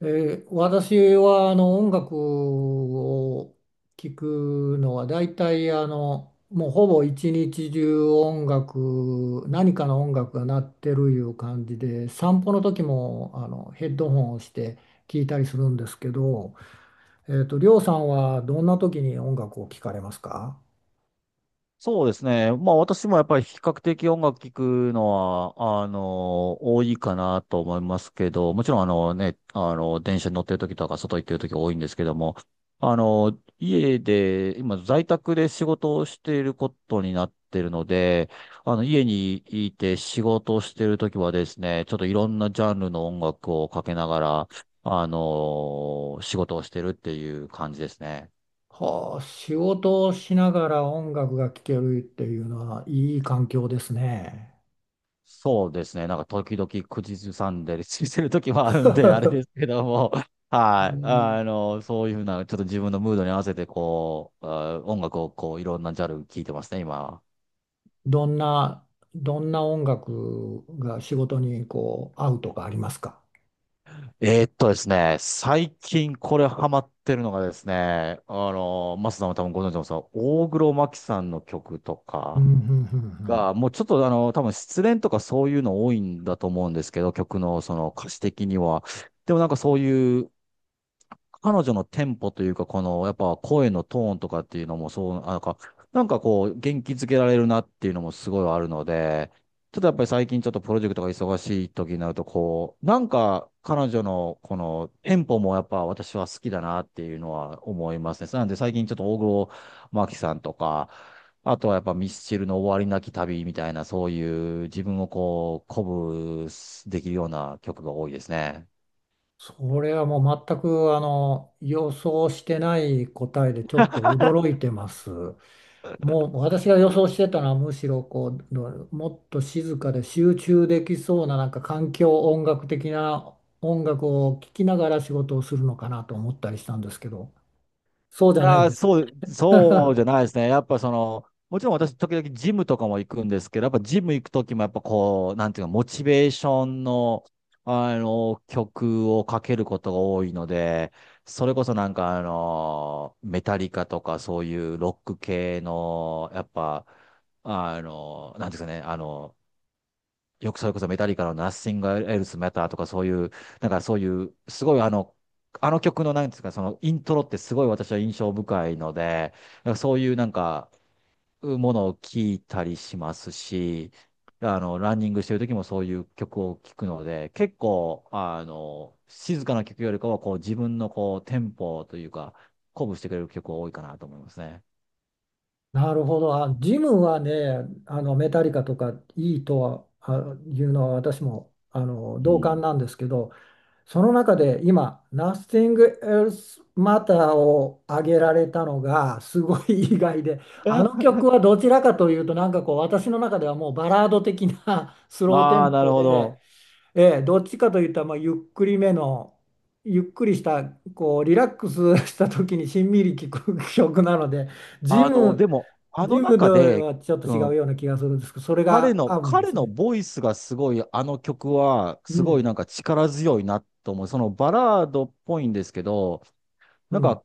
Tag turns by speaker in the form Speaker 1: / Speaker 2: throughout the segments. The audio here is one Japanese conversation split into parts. Speaker 1: 私は音楽を聴くのは大体もうほぼ一日中音楽何かの音楽が鳴ってるいう感じで散歩の時もヘッドホンをして聴いたりするんですけど、りょうさんはどんな時に音楽を聴かれますか？
Speaker 2: そうですね。まあ私もやっぱり比較的音楽聴くのは、多いかなと思いますけど、もちろん電車に乗ってる時とか外行ってる時多いんですけども、家で、今在宅で仕事をしていることになってるので、家にいて仕事をしている時はですね、ちょっといろんなジャンルの音楽をかけながら、仕事をしてるっていう感じですね。
Speaker 1: はあ、仕事をしながら音楽が聴けるっていうのはいい環境ですね。
Speaker 2: そうですね。なんか時々口ずさんでりしてる時もあるんで、あれですけども、はい。そういうふうな、ちょっと自分のムードに合わせて、こう、音楽をこう、いろんなジャンル聴いてますね、今。
Speaker 1: どんな、どんな音楽が仕事にこう合うとかありますか？
Speaker 2: ですね、最近これハマってるのがですね、マスさんも多分ご存知のさ、大黒摩季さんの曲と
Speaker 1: うん、う
Speaker 2: か
Speaker 1: ん、うん、うん。
Speaker 2: が、もうちょっと多分失恋とかそういうの多いんだと思うんですけど、曲のその歌詞的には。でもなんかそういう彼女のテンポというか、この、やっぱ声のトーンとかっていうのもそう、なんかこう、元気づけられるなっていうのもすごいあるので、ちょっとやっぱり最近ちょっとプロジェクトが忙しい時になると、こう、なんか彼女のこのテンポもやっぱ私は好きだなっていうのは思いますね。なんで最近ちょっと大黒摩季さんとか、あとはやっぱミスチルの終わりなき旅みたいな、そういう自分をこう、鼓舞できるような曲が多いですね。
Speaker 1: それはもう全く予想してない答えでちょっと驚いてます。もう私が予想してたのはむしろこうどもっと静かで集中できそうななんか環境音楽的な音楽を聴きながら仕事をするのかなと思ったりしたんですけど、そうじ
Speaker 2: い
Speaker 1: ゃないん
Speaker 2: やー、
Speaker 1: ですね。
Speaker 2: そうじ ゃないですね。やっぱその、もちろん私、時々ジムとかも行くんですけど、やっぱジム行く時も、やっぱこう、なんていうか、モチベーションの、曲をかけることが多いので、それこそなんか、メタリカとか、そういうロック系の、やっぱ、なんていうんですかね、よくそれこそメタリカのナッシングエルスマターとかそういう、なんかそういう、すごいあの曲のなんですか、そのイントロってすごい私は印象深いので、なんかそういうなんか、ものを聞いたりしますし、ランニングしてる時もそういう曲を聴くので、結構、静かな曲よりかは、こう自分のこうテンポというか、鼓舞してくれる曲が多いかなと思いますね。
Speaker 1: なるほど。あ、ジムはね、メタリカとかいいとはあいうのは私も
Speaker 2: う
Speaker 1: 同感
Speaker 2: ん。
Speaker 1: なんですけど、その中で今、Nothing Else Matter を挙げられたのがすごい意外で、あの 曲はどちらかというと、なんかこう、私の中ではもうバラード的な スローテ
Speaker 2: ああ、
Speaker 1: ン
Speaker 2: なる
Speaker 1: ポ
Speaker 2: ほ
Speaker 1: で、
Speaker 2: ど。
Speaker 1: ええ、どっちかといったらまあゆっくりめの、ゆっくりした、こう、リラックスした時にしんみり聴く曲なので、ジム
Speaker 2: でも、あ
Speaker 1: ジ
Speaker 2: の
Speaker 1: ムで
Speaker 2: 中で、
Speaker 1: はちょっと
Speaker 2: う
Speaker 1: 違う
Speaker 2: ん
Speaker 1: ような気がするんですけど、それ
Speaker 2: 彼
Speaker 1: が
Speaker 2: の、
Speaker 1: 合うんで
Speaker 2: 彼
Speaker 1: す
Speaker 2: の
Speaker 1: ね。
Speaker 2: ボイスがすごい、あの曲は、
Speaker 1: う
Speaker 2: すごい
Speaker 1: ん。
Speaker 2: なんか力強いなと思う。そのバラードっぽいんですけど、
Speaker 1: う
Speaker 2: なん
Speaker 1: ん。
Speaker 2: か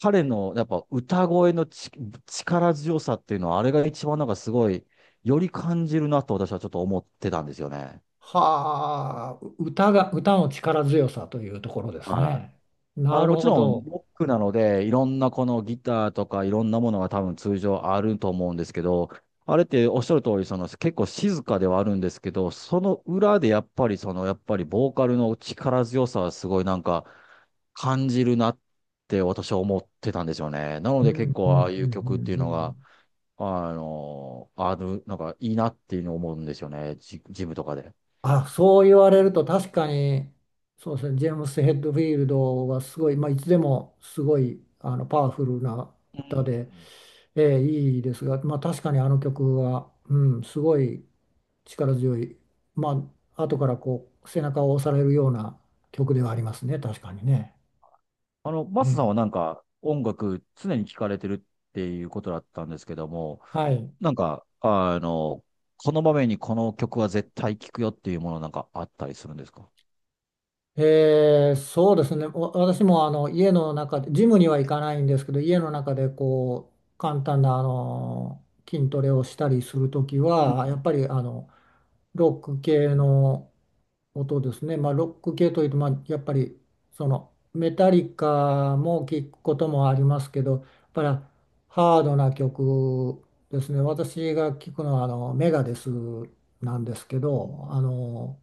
Speaker 2: 彼のやっぱ歌声の力強さっていうのは、あれが一番なんかすごい、より感じるなと私はちょっと思ってたんですよね。
Speaker 1: はあ、う歌が、歌の力強さというところです
Speaker 2: はい。
Speaker 1: ね。なる
Speaker 2: もち
Speaker 1: ほ
Speaker 2: ろん、
Speaker 1: ど。
Speaker 2: ロックなので、いろんなこのギターとかいろんなものが多分通常あると思うんですけど、あれっておっしゃる通り、その結構静かではあるんですけど、その裏でやっぱりその、やっぱりボーカルの力強さはすごいなんか感じるなって私は思ってたんですよね。なの
Speaker 1: うん、
Speaker 2: で
Speaker 1: う
Speaker 2: 結
Speaker 1: ん、うん、う
Speaker 2: 構ああいう曲っていう
Speaker 1: ん。う
Speaker 2: のが、
Speaker 1: ん。
Speaker 2: ある、なんかいいなっていうのを思うんですよね。ジムとかで。
Speaker 1: あ、そう言われると確かに、そうですね、ジェームス・ヘッドフィールドはすごい、まあ、いつでもすごい、パワフルな歌で、
Speaker 2: うん
Speaker 1: いいですが、まあ、確かにあの曲は、うん、すごい、力強い、まあ、後からこう、背中を押されるような曲では
Speaker 2: う
Speaker 1: ありま
Speaker 2: ん
Speaker 1: すね、確かにね。え
Speaker 2: マスさん
Speaker 1: ー
Speaker 2: はなんか音楽常に聴かれてるっていうことだったんですけども、
Speaker 1: はい。
Speaker 2: なんか、この場面にこの曲は絶対聴くよっていうものなんかあったりするんですか？
Speaker 1: そうですね。私も家の中で、ジムには行かないんですけど、家の中でこう、簡単な筋トレをしたりするとき
Speaker 2: う
Speaker 1: は、や
Speaker 2: ん。
Speaker 1: っぱりロック系の音ですね。まあ、ロック系というと、まあ、やっぱりそのメタリカも聞くこともありますけど、やっぱりハードな曲ですね。私が聞くのはメガデスなんですけ
Speaker 2: うん。
Speaker 1: ど、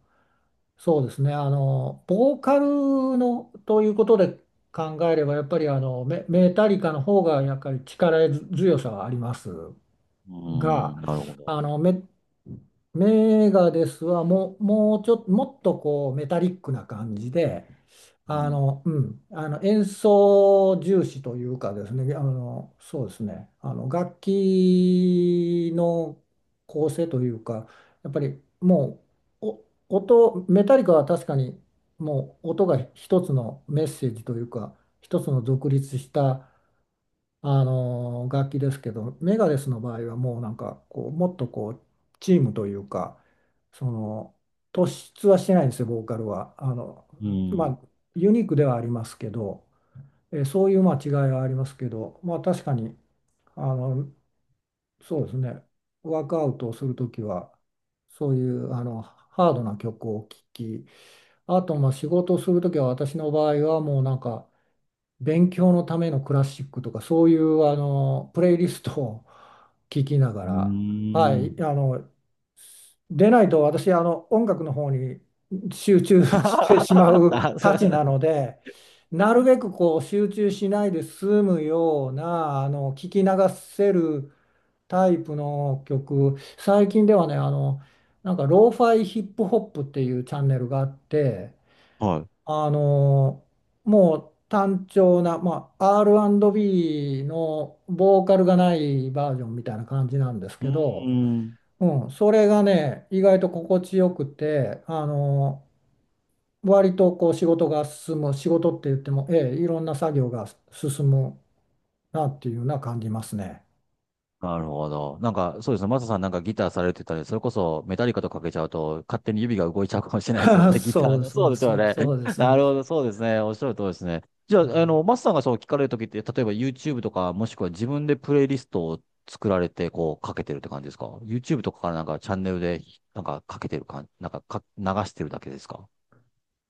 Speaker 1: そうですね、ボーカルのということで考えれば、やっぱりメタリカの方がやっぱり力強さはあります。
Speaker 2: うー
Speaker 1: が、
Speaker 2: ん、なるほど。
Speaker 1: あのメ、メガデスはもう、もうちょっと、もっとこうメタリックな感じで、
Speaker 2: うん。
Speaker 1: 演奏重視というかですね、そうですね、楽器の構成というか、やっぱりもうメタリカは確かにもう音が一つのメッセージというか、一つの独立した楽器ですけどメガレスの場合はもうなんかこうもっとこうチームというかその突出はしてないんですよボーカルは。
Speaker 2: う
Speaker 1: ま
Speaker 2: ん。
Speaker 1: あユニークではありますけど、そういうまあ違いはありますけど、まあ、確かにあのそうですね。ワークアウトをする時はそういうハードな曲を聴き、あとまあ仕事をする時は私の場合はもうなんか勉強のためのクラシックとか、そういうプレイリストを聞きなが
Speaker 2: う
Speaker 1: ら、は
Speaker 2: ー
Speaker 1: い、
Speaker 2: ん。
Speaker 1: でないと私、音楽の方に集中してしま う
Speaker 2: な
Speaker 1: たちな ので、なるべくこう集中しないで済むような、聞き流せるタイプの曲、最近ではね、なんか、ローファイヒップホップっていうチャンネルがあって、
Speaker 2: は
Speaker 1: あのもう単調な、まあ、R&B のボーカルがないバージョンみたいな感じなんです
Speaker 2: い。
Speaker 1: け
Speaker 2: うー
Speaker 1: ど、
Speaker 2: ん。
Speaker 1: うん、それがね意外と心地よくて割とこう仕事が進む、仕事って言っても、ええ、いろんな作業が進むなっていうのは感じますね。
Speaker 2: なるほど。なんか、そうですね。マサさんなんかギターされてたり、それこそメタリカとかけちゃうと、勝手に指が動いちゃうかもしれないですよね。ギタ
Speaker 1: そ
Speaker 2: ー
Speaker 1: う
Speaker 2: の。そ
Speaker 1: そ
Speaker 2: う
Speaker 1: う
Speaker 2: ですよ
Speaker 1: そう
Speaker 2: ね。
Speaker 1: そうで す。
Speaker 2: なる
Speaker 1: う
Speaker 2: ほど。そうですね。おっしゃる通りですね。じゃ
Speaker 1: ん。
Speaker 2: あ、マサさんがそう聞かれるときって、例えば YouTube とか、もしくは自分でプレイリストを作られて、こう、かけてるって感じですか ?YouTube とかからなんかチャンネルで、なんかかけてる感じ、なんか、流してるだけですか？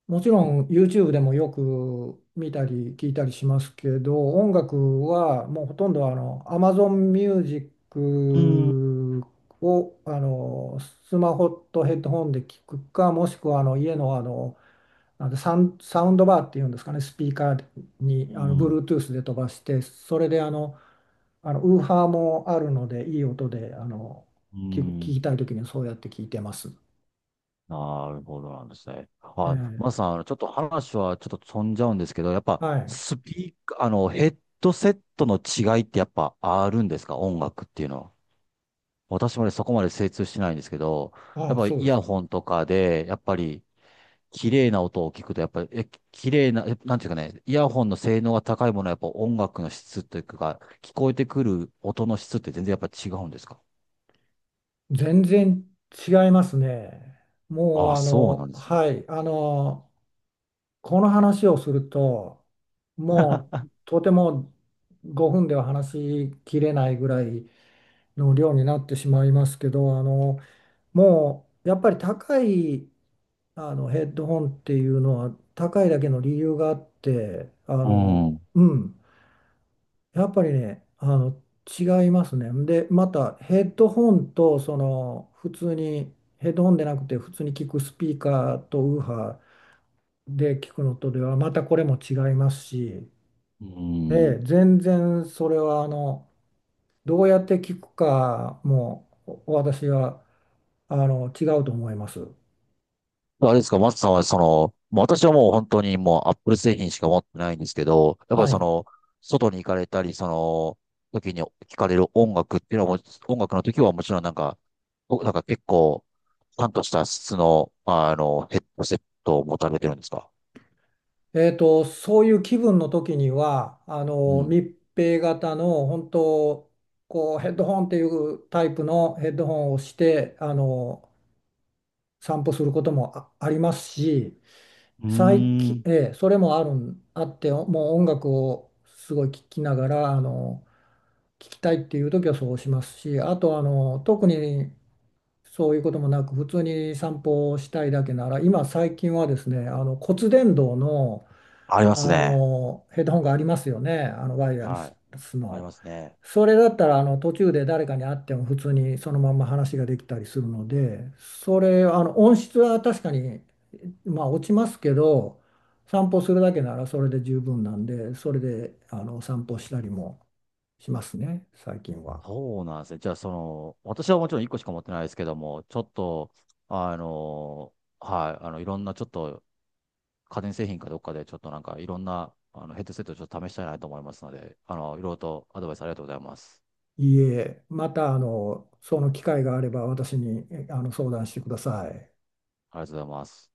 Speaker 1: もちろん YouTube でもよく見たり聞いたりしますけど、音楽はもうほとんどAmazon Music
Speaker 2: うん。
Speaker 1: をスマホとヘッドホンで聞くか、もしくは家の、なんサウン、サウンドバーっていうんですかね、スピーカーに
Speaker 2: うん。
Speaker 1: Bluetooth で飛ばして、それでウーハーもあるので、いい音で
Speaker 2: う
Speaker 1: 聞く、聞き
Speaker 2: ん。
Speaker 1: たいときにそうやって聞いてます。
Speaker 2: なるほどなんですね。
Speaker 1: え
Speaker 2: あ、まずさ
Speaker 1: え、
Speaker 2: ん、ちょっと話はちょっと飛んじゃうんですけど、やっぱ
Speaker 1: はい。
Speaker 2: スピーカー、ヘッドセットの違いってやっぱあるんですか音楽っていうのは。私もね、そこまで精通してないんですけど、や
Speaker 1: あ
Speaker 2: っ
Speaker 1: あ、
Speaker 2: ぱ
Speaker 1: そ
Speaker 2: イ
Speaker 1: うです
Speaker 2: ヤ
Speaker 1: か。
Speaker 2: ホンとかで、やっぱり綺麗な音を聞くと、やっぱり、綺麗な、なんていうかね、イヤホンの性能が高いものはやっぱ音楽の質というか、聞こえてくる音の質って全然やっぱ違うんですか
Speaker 1: 全然違いますね。もう
Speaker 2: あ、そうなんですね。
Speaker 1: はい、この話をすると、もうとても5分では話しきれないぐらいの量になってしまいますけど、もうやっぱり高いヘッドホンっていうのは高いだけの理由があって、
Speaker 2: うん。
Speaker 1: うん。やっぱりね、違いますね。で、またヘッドホンと、その、普通に、ヘッドホンでなくて、普通に聞くスピーカーとウーハーで聞くのとでは、またこれも違いますし、
Speaker 2: う
Speaker 1: ええ、
Speaker 2: ん。
Speaker 1: 全然それは、どうやって聞くかも、私は、違うと思います。
Speaker 2: あれですか、松さんはその、もう私はもう本当にもうアップル製品しか持ってないんですけど、やっぱり
Speaker 1: は
Speaker 2: そ
Speaker 1: い。
Speaker 2: の、外に行かれたり、その、時に聞かれる音楽っていうのはもち、音楽の時はもちろんなんか、なんか結構、ちゃんとした質の、ヘッドセットを持たれてるんですか？
Speaker 1: そういう気分の時には
Speaker 2: うん。
Speaker 1: 密閉型の本当こうヘッドホンっていうタイプのヘッドホンをして散歩することもありますし、
Speaker 2: うー
Speaker 1: 最近、
Speaker 2: ん。
Speaker 1: それもあるんあってもう音楽をすごい聴きながら聴きたいっていう時はそうしますし、あと特にそういうこともなく普通に散歩をしたいだけなら今最近はですね骨伝導の
Speaker 2: ありますね。
Speaker 1: ヘッドホンがありますよね、ワイヤレ
Speaker 2: は
Speaker 1: ス
Speaker 2: い。あり
Speaker 1: の。
Speaker 2: ますね。
Speaker 1: それだったら途中で誰かに会っても普通にそのまんま話ができたりするので、それ音質は確かに、まあ、落ちますけど、散歩するだけならそれで十分なんで、それで散歩したりもしますね、最近は。
Speaker 2: そうなんですね。じゃあ、その、私はもちろん1個しか持ってないですけども、ちょっと、あの、はい、いろんなちょっと家電製品かどっかでちょっとなんかいろんなヘッドセットをちょっと試したいなと思いますので、いろいろとアドバイスありがとうございます。
Speaker 1: いいえ、またその機会があれば私にえあの相談してください。
Speaker 2: ありがとうございます。